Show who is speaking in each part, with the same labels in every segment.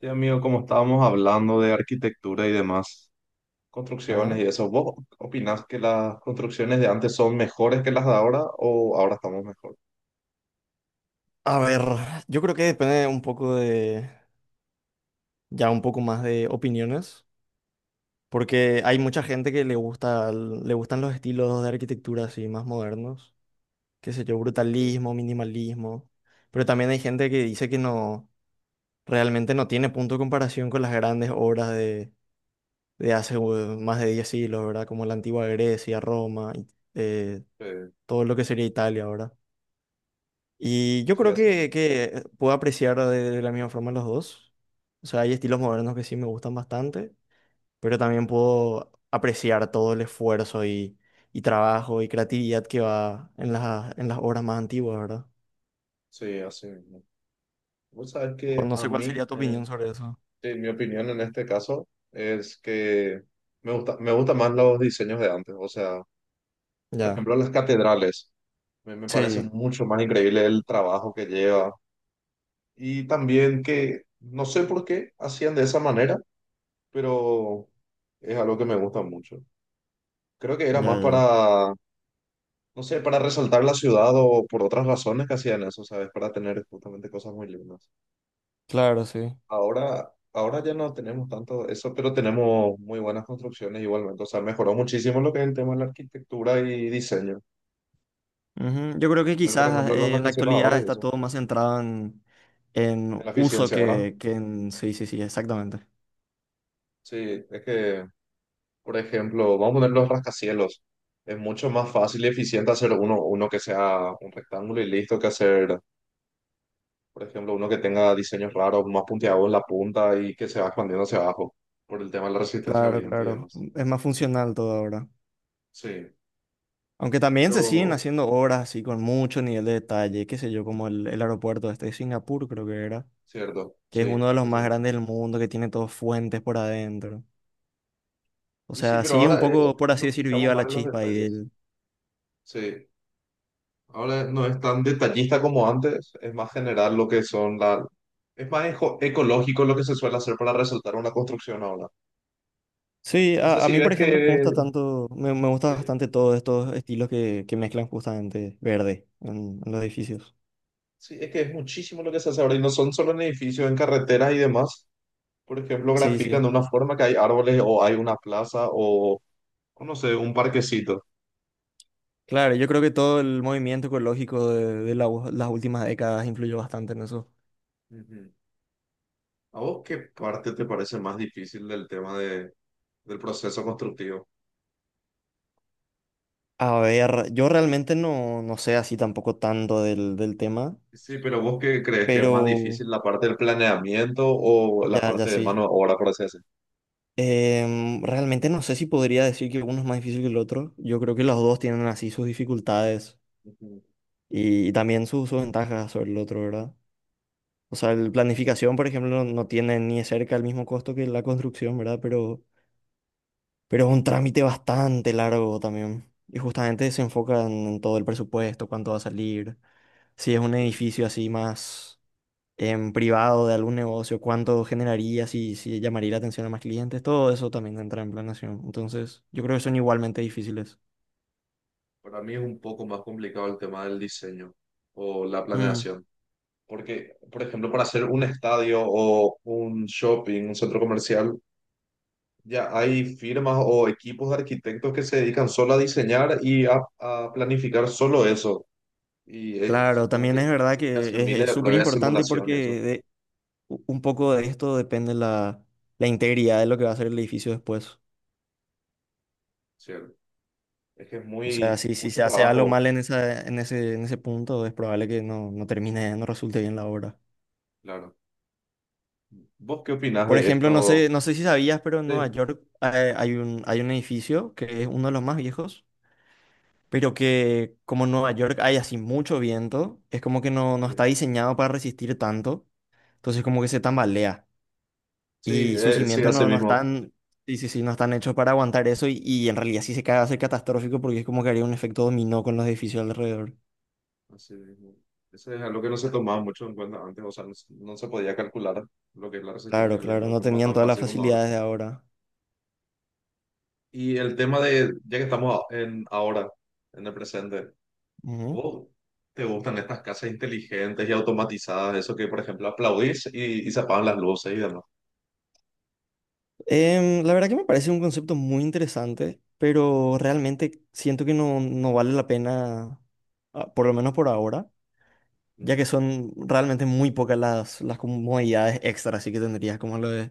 Speaker 1: Sí, amigo, como estábamos hablando de arquitectura y demás,
Speaker 2: Ajá.
Speaker 1: construcciones y eso, ¿vos opinás que las construcciones de antes son mejores que las de ahora o ahora estamos mejor?
Speaker 2: A ver, yo creo que depende un poco ya un poco más de opiniones, porque hay
Speaker 1: Sí,
Speaker 2: mucha gente que le gusta, le gustan los estilos de arquitectura así más modernos, qué sé yo,
Speaker 1: sí,
Speaker 2: brutalismo, minimalismo, pero también hay gente que dice que no, realmente no tiene punto de comparación con las grandes obras de hace más de 10 siglos, ¿verdad? Como la antigua Grecia, Roma, y, eh,
Speaker 1: sí,
Speaker 2: todo lo que sería Italia, ¿verdad? Y yo
Speaker 1: sí,
Speaker 2: creo
Speaker 1: así,
Speaker 2: que puedo apreciar de la misma forma los dos. O sea, hay estilos modernos que sí me gustan bastante, pero también puedo apreciar todo el esfuerzo y trabajo y creatividad que va en en las obras más antiguas, ¿verdad?
Speaker 1: sí, así mismo. Vos sabés
Speaker 2: O
Speaker 1: que
Speaker 2: no
Speaker 1: a
Speaker 2: sé cuál
Speaker 1: mí,
Speaker 2: sería tu opinión sobre eso.
Speaker 1: sí, mi opinión en este caso es que me gustan más los diseños de antes. O sea, por
Speaker 2: Ya.
Speaker 1: ejemplo, las catedrales. Me parece
Speaker 2: Sí,
Speaker 1: mucho más increíble el trabajo que lleva. Y también que no sé por qué hacían de esa manera, pero es algo que me gusta mucho. Creo que
Speaker 2: ya,
Speaker 1: era
Speaker 2: ya,
Speaker 1: más
Speaker 2: ya.
Speaker 1: para, no sé, para resaltar la ciudad o por otras razones que hacían eso, ¿sabes? Para tener justamente cosas muy lindas.
Speaker 2: Claro, sí.
Speaker 1: Ahora ya no tenemos tanto eso, pero tenemos muy buenas construcciones igualmente. O sea, mejoró muchísimo lo que es el tema de la arquitectura y diseño.
Speaker 2: Ujú. Yo creo que
Speaker 1: Poner, por
Speaker 2: quizás
Speaker 1: ejemplo, los
Speaker 2: en la
Speaker 1: rascacielos
Speaker 2: actualidad
Speaker 1: ahora y
Speaker 2: está
Speaker 1: eso,
Speaker 2: todo más centrado
Speaker 1: en
Speaker 2: en
Speaker 1: la
Speaker 2: uso
Speaker 1: eficiencia, ¿verdad?
Speaker 2: que en... Sí, sí, sí, exactamente.
Speaker 1: Sí, es que, por ejemplo, vamos a poner los rascacielos. Es mucho más fácil y eficiente hacer uno que sea un rectángulo y listo que hacer. Por ejemplo, uno que tenga diseños raros, más punteados en la punta y que se va expandiendo hacia abajo por el tema de la resistencia al
Speaker 2: Claro,
Speaker 1: viento y
Speaker 2: claro.
Speaker 1: demás.
Speaker 2: Es más funcional todo ahora.
Speaker 1: Sí,
Speaker 2: Aunque también se siguen
Speaker 1: pero
Speaker 2: haciendo obras así con mucho nivel de detalle, qué sé yo, como el aeropuerto este de Singapur, creo que era,
Speaker 1: cierto,
Speaker 2: que
Speaker 1: sí,
Speaker 2: es uno de los
Speaker 1: ese
Speaker 2: más
Speaker 1: mismo.
Speaker 2: grandes del mundo, que tiene todos fuentes por adentro. O
Speaker 1: Y sí,
Speaker 2: sea,
Speaker 1: pero
Speaker 2: sigue un
Speaker 1: ahora
Speaker 2: poco, por así
Speaker 1: nos
Speaker 2: decir,
Speaker 1: fijamos
Speaker 2: viva
Speaker 1: más
Speaker 2: la
Speaker 1: en los
Speaker 2: chispa ahí
Speaker 1: detalles.
Speaker 2: del...
Speaker 1: Sí, ahora no es tan detallista como antes, es más general lo que son la... Es más ecológico lo que se suele hacer para resaltar una construcción ahora.
Speaker 2: Sí,
Speaker 1: No sé
Speaker 2: a
Speaker 1: si
Speaker 2: mí,
Speaker 1: ves
Speaker 2: por
Speaker 1: que...
Speaker 2: ejemplo, me gusta tanto, me gusta
Speaker 1: Sí,
Speaker 2: bastante todos estos estilos que mezclan justamente verde en los edificios.
Speaker 1: sí, es que es muchísimo lo que se hace ahora y no son solo en edificios, en carreteras y demás. Por ejemplo,
Speaker 2: Sí,
Speaker 1: grafican
Speaker 2: sí.
Speaker 1: de una forma que hay árboles o hay una plaza o no sé, un parquecito.
Speaker 2: Claro, yo creo que todo el movimiento ecológico de la las últimas décadas influyó bastante en eso.
Speaker 1: Ujú. ¿A vos qué parte te parece más difícil del tema de, del proceso constructivo?
Speaker 2: A ver, yo realmente no, no sé así tampoco tanto del tema,
Speaker 1: Sí, pero ¿vos qué crees que es más
Speaker 2: pero
Speaker 1: difícil, la parte del planeamiento o la
Speaker 2: ya, ya
Speaker 1: parte de mano
Speaker 2: sí.
Speaker 1: de obra, por así decir?
Speaker 2: Realmente no sé si podría decir que uno es más difícil que el otro. Yo creo que los dos tienen así sus dificultades
Speaker 1: Ujú.
Speaker 2: y también sus ventajas sobre el otro, ¿verdad? O sea, la planificación, por ejemplo, no tiene ni de cerca el mismo costo que la construcción, ¿verdad? Pero es un trámite bastante largo también. Y justamente se enfoca en todo el presupuesto, cuánto va a salir, si es un
Speaker 1: Sí.
Speaker 2: edificio así más en privado de algún negocio, cuánto generaría, si llamaría la atención a más clientes, todo eso también entra en planeación. Entonces, yo creo que son igualmente difíciles.
Speaker 1: Para mí es un poco más complicado el tema del diseño o la
Speaker 2: Mm.
Speaker 1: planeación. Porque, por ejemplo, para hacer un estadio o un shopping, un centro comercial, ya hay firmas o equipos de arquitectos que se dedican solo a diseñar y a planificar solo eso. Y
Speaker 2: Claro,
Speaker 1: supongo
Speaker 2: también es
Speaker 1: que
Speaker 2: verdad
Speaker 1: tiene que hacer
Speaker 2: que
Speaker 1: miles
Speaker 2: es
Speaker 1: de
Speaker 2: súper
Speaker 1: pruebas de
Speaker 2: importante
Speaker 1: simulación y eso,
Speaker 2: porque de- un poco de esto depende la integridad de lo que va a ser el edificio después.
Speaker 1: ¿cierto? Es que es
Speaker 2: O sea,
Speaker 1: muy,
Speaker 2: si
Speaker 1: mucho
Speaker 2: se hace algo
Speaker 1: trabajo,
Speaker 2: mal en en ese punto, es probable que no termine, no resulte bien la obra.
Speaker 1: claro. ¿Vos qué opinás
Speaker 2: Por
Speaker 1: de
Speaker 2: ejemplo, no
Speaker 1: esto?
Speaker 2: sé, no sé si sabías, pero en Nueva
Speaker 1: Sí,
Speaker 2: York hay hay un edificio que es uno de los más viejos, pero que como en Nueva York hay así mucho viento, es como que no, no está
Speaker 1: sí,
Speaker 2: diseñado para resistir tanto, entonces como que se tambalea
Speaker 1: sí,
Speaker 2: y sus
Speaker 1: sí,
Speaker 2: cimientos
Speaker 1: así
Speaker 2: no, no
Speaker 1: mismo.
Speaker 2: están, sí, sí, sí, no están hechos para aguantar eso y en realidad sí se cae va a ser catastrófico porque es como que haría un efecto dominó con los edificios alrededor.
Speaker 1: Así mismo. Eso es algo que no se tomaba mucho en cuenta antes, o sea, no, se no se podía calcular lo que es la resistencia
Speaker 2: Claro,
Speaker 1: del viento
Speaker 2: claro,
Speaker 1: de
Speaker 2: no
Speaker 1: forma
Speaker 2: tenían
Speaker 1: tan
Speaker 2: todas las
Speaker 1: fácil como ahora.
Speaker 2: facilidades de ahora.
Speaker 1: Y el tema de, ya que estamos en ahora, en el presente.
Speaker 2: Ujú.
Speaker 1: O ¿te gustan estas casas inteligentes y automatizadas? Eso que, por ejemplo, aplaudís y se apagan las luces y demás.
Speaker 2: La verdad que me parece un concepto muy interesante, pero realmente siento que no, no vale la pena, ah, por lo menos por ahora, ya
Speaker 1: Ujú.
Speaker 2: que son realmente muy pocas las comodidades extras, así que tendrías como lo de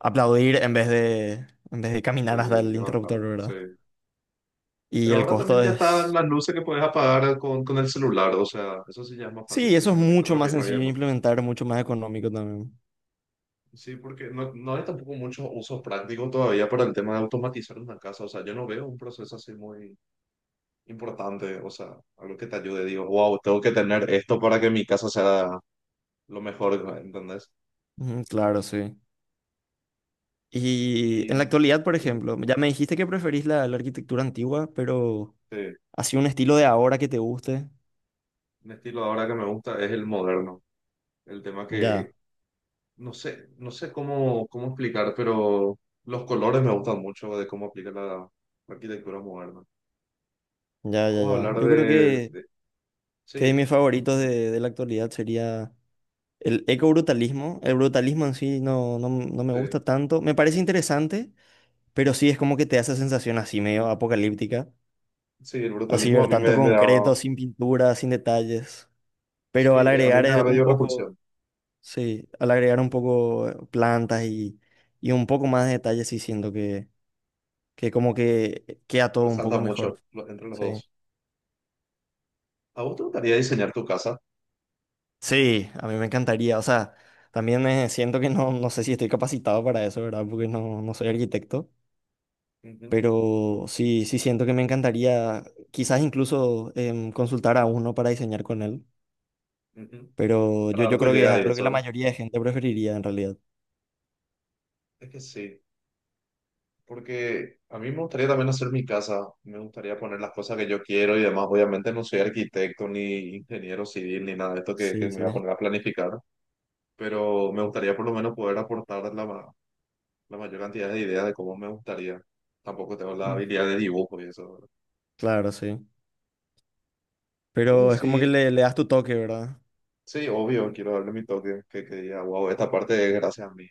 Speaker 2: aplaudir en vez en vez de
Speaker 1: Y
Speaker 2: caminar hasta
Speaker 1: de
Speaker 2: el
Speaker 1: levantar,
Speaker 2: interruptor,
Speaker 1: sí.
Speaker 2: ¿verdad? Y
Speaker 1: Pero
Speaker 2: el
Speaker 1: ahora también
Speaker 2: costo
Speaker 1: ya están
Speaker 2: es...
Speaker 1: las luces que puedes apagar con el celular, o sea, eso sí ya es más
Speaker 2: Sí,
Speaker 1: fácil que
Speaker 2: eso es
Speaker 1: se conecten
Speaker 2: mucho
Speaker 1: al
Speaker 2: más
Speaker 1: Wi-Fi y
Speaker 2: sencillo de
Speaker 1: demás.
Speaker 2: implementar, mucho más económico también.
Speaker 1: Sí, porque no, no hay tampoco muchos usos prácticos todavía para el tema de automatizar una casa, o sea, yo no veo un proceso así muy importante, o sea, algo que te ayude, digo, wow, tengo que tener esto para que mi casa sea lo mejor, ¿entendés?
Speaker 2: Ujú, claro, sí. Y en la
Speaker 1: Y...
Speaker 2: actualidad, por
Speaker 1: Sí.
Speaker 2: ejemplo, ya me dijiste que preferís la arquitectura antigua, pero
Speaker 1: Sí.
Speaker 2: así un estilo de ahora que te guste.
Speaker 1: Un estilo ahora que me gusta es el moderno. El tema que
Speaker 2: Ya,
Speaker 1: no sé, no sé cómo, cómo explicar, pero los colores me gustan mucho de cómo aplica la, la arquitectura moderna.
Speaker 2: ya, ya,
Speaker 1: Vamos a
Speaker 2: ya.
Speaker 1: hablar
Speaker 2: Yo creo
Speaker 1: de-
Speaker 2: que
Speaker 1: sí,
Speaker 2: mis favoritos de la actualidad sería... El ecobrutalismo, el brutalismo en sí no, no me
Speaker 1: sí,
Speaker 2: gusta tanto. Me parece interesante, pero sí es como que te hace sensación así medio apocalíptica.
Speaker 1: sí, el
Speaker 2: Así
Speaker 1: brutalismo a
Speaker 2: ver
Speaker 1: mí
Speaker 2: tanto
Speaker 1: me, me da,
Speaker 2: concreto, sin pintura, sin detalles.
Speaker 1: sí,
Speaker 2: Pero al
Speaker 1: a mí
Speaker 2: agregar
Speaker 1: me da
Speaker 2: un
Speaker 1: medio
Speaker 2: poco,
Speaker 1: repulsión.
Speaker 2: sí, al agregar un poco plantas y un poco más de detalles, sí siento que como que queda todo un poco
Speaker 1: Resalta
Speaker 2: mejor.
Speaker 1: mucho lo- entre los
Speaker 2: Sí.
Speaker 1: dos. ¿A vos te gustaría diseñar tu casa?
Speaker 2: Sí, a mí me encantaría. O sea, también siento que no, no sé si estoy capacitado para eso, ¿verdad? Porque no, no soy arquitecto.
Speaker 1: Ujú,
Speaker 2: Pero sí, sí siento que me encantaría quizás incluso consultar a uno para diseñar con él.
Speaker 1: ujú.
Speaker 2: Pero
Speaker 1: Para dar
Speaker 2: yo
Speaker 1: tu
Speaker 2: creo que es
Speaker 1: idea y
Speaker 2: algo que
Speaker 1: eso,
Speaker 2: la
Speaker 1: ¿verdad?
Speaker 2: mayoría de gente preferiría en realidad.
Speaker 1: Es que sí. Porque a mí me gustaría también hacer mi casa, me gustaría poner las cosas que yo quiero y demás. Obviamente no soy arquitecto ni ingeniero civil ni nada de esto que
Speaker 2: Sí,
Speaker 1: me voy
Speaker 2: sí.
Speaker 1: a poner a planificar, pero me gustaría por lo menos poder aportar la, ma- la mayor cantidad de ideas de cómo me gustaría. Tampoco tengo la
Speaker 2: Mm.
Speaker 1: habilidad de dibujo y eso, ¿verdad?
Speaker 2: Claro, sí.
Speaker 1: Bueno,
Speaker 2: Pero es como que
Speaker 1: sí,
Speaker 2: le das tu toque, ¿verdad?
Speaker 1: sí, obvio, quiero darle mi toque, que diga, wow, esta parte es gracias a mí.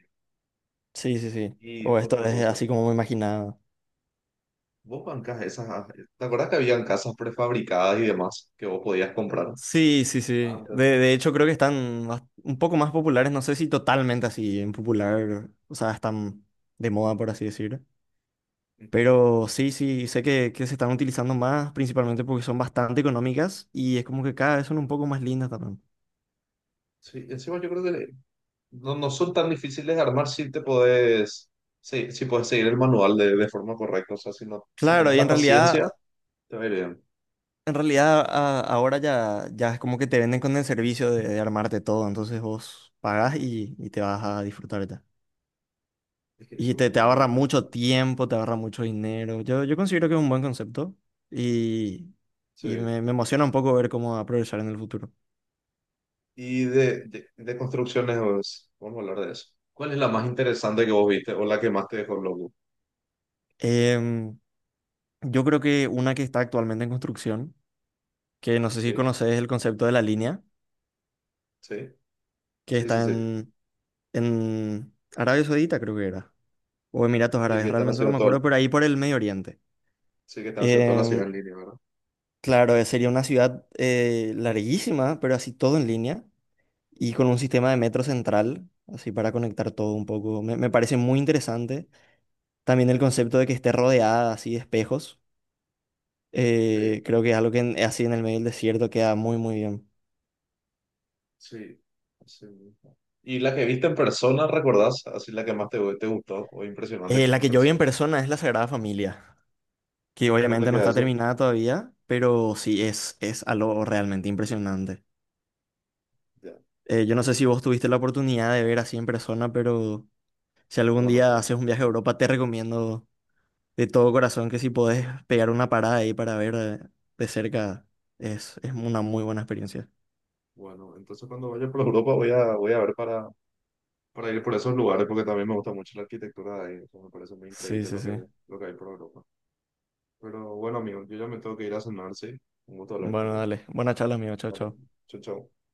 Speaker 2: Sí, sí, sí.
Speaker 1: Y
Speaker 2: O esto
Speaker 1: otra
Speaker 2: es
Speaker 1: cosa,
Speaker 2: así como me imaginaba.
Speaker 1: vos bancás esas, ¿te acuerdas que habían casas prefabricadas y demás que vos podías comprar
Speaker 2: Sí, sí, sí.
Speaker 1: antes?
Speaker 2: De hecho, creo que están un poco más populares. No sé si totalmente así en popular. O sea, están de moda, por así decir. Pero sí, sí, sé que se están utilizando más, principalmente porque son bastante económicas y es como que cada vez son un poco más lindas también.
Speaker 1: Sí, encima yo creo que le- no, no son tan difíciles de armar si te podés, sí, si podés seguir el manual de forma correcta. O sea, si no, si tenés
Speaker 2: Claro, y
Speaker 1: la paciencia, te va a ir bien.
Speaker 2: en realidad ahora ya, ya es como que te venden con el servicio de armarte todo, entonces vos pagás y te vas a disfrutar ya.
Speaker 1: Es que
Speaker 2: Y
Speaker 1: eso es muy
Speaker 2: te
Speaker 1: bueno en
Speaker 2: ahorra
Speaker 1: las casas.
Speaker 2: mucho
Speaker 1: También.
Speaker 2: tiempo, te ahorra mucho dinero. Yo considero que es un buen concepto y,
Speaker 1: Sí.
Speaker 2: me emociona un poco ver cómo va a progresar en el futuro.
Speaker 1: Y de construcciones, pues, vamos a hablar de eso. ¿Cuál es la más interesante que vos viste o la que más te dejó loco?
Speaker 2: Em, yo creo que una que está actualmente en construcción, que no sé si
Speaker 1: Sí,
Speaker 2: conoces el concepto de la línea,
Speaker 1: sí,
Speaker 2: que
Speaker 1: sí, sí,
Speaker 2: está
Speaker 1: sí.
Speaker 2: en Arabia Saudita, creo que era, o Emiratos
Speaker 1: Sí,
Speaker 2: Árabes,
Speaker 1: que están
Speaker 2: realmente no
Speaker 1: haciendo
Speaker 2: me
Speaker 1: todo,
Speaker 2: acuerdo, pero ahí por el Medio Oriente.
Speaker 1: sí, que están haciendo toda la
Speaker 2: Em,
Speaker 1: ciudad en línea, ¿verdad?
Speaker 2: claro, sería una ciudad larguísima, pero así todo en línea, y con un sistema de metro central, así para conectar todo un poco. Me parece muy interesante. También el concepto de que esté rodeada así de espejos,
Speaker 1: Sí.
Speaker 2: creo que es algo que así en el medio del desierto queda muy, muy bien.
Speaker 1: Sí, sí mismo. ¿Y la que viste en persona, recordás? Así la que más te, te gustó o impresionante que-
Speaker 2: La
Speaker 1: en
Speaker 2: que yo vi en
Speaker 1: persona.
Speaker 2: persona es la Sagrada Familia, que
Speaker 1: ¿Dónde
Speaker 2: obviamente no
Speaker 1: queda
Speaker 2: está
Speaker 1: eso?
Speaker 2: terminada todavía, pero sí es algo realmente impresionante.
Speaker 1: Ya,
Speaker 2: Yo no sé si vos tuviste la oportunidad de ver así en persona, pero si algún
Speaker 1: no, no
Speaker 2: día
Speaker 1: todo.
Speaker 2: haces un viaje a Europa, te recomiendo de todo corazón que si podés pegar una parada ahí para ver de cerca, es una muy buena experiencia.
Speaker 1: Bueno, entonces cuando vaya por Europa voy a, voy a ver para ir por esos lugares porque también me gusta mucho la arquitectura de ahí. Eso me parece muy
Speaker 2: Sí,
Speaker 1: increíble
Speaker 2: sí, sí.
Speaker 1: lo que hay por Europa. Pero bueno, amigo, yo ya me tengo que ir a cenar, ¿sí? Un gusto hablar
Speaker 2: Bueno,
Speaker 1: contigo.
Speaker 2: dale. Buena charla, amigo. Chao,
Speaker 1: Vale,
Speaker 2: chao.
Speaker 1: chau, chau.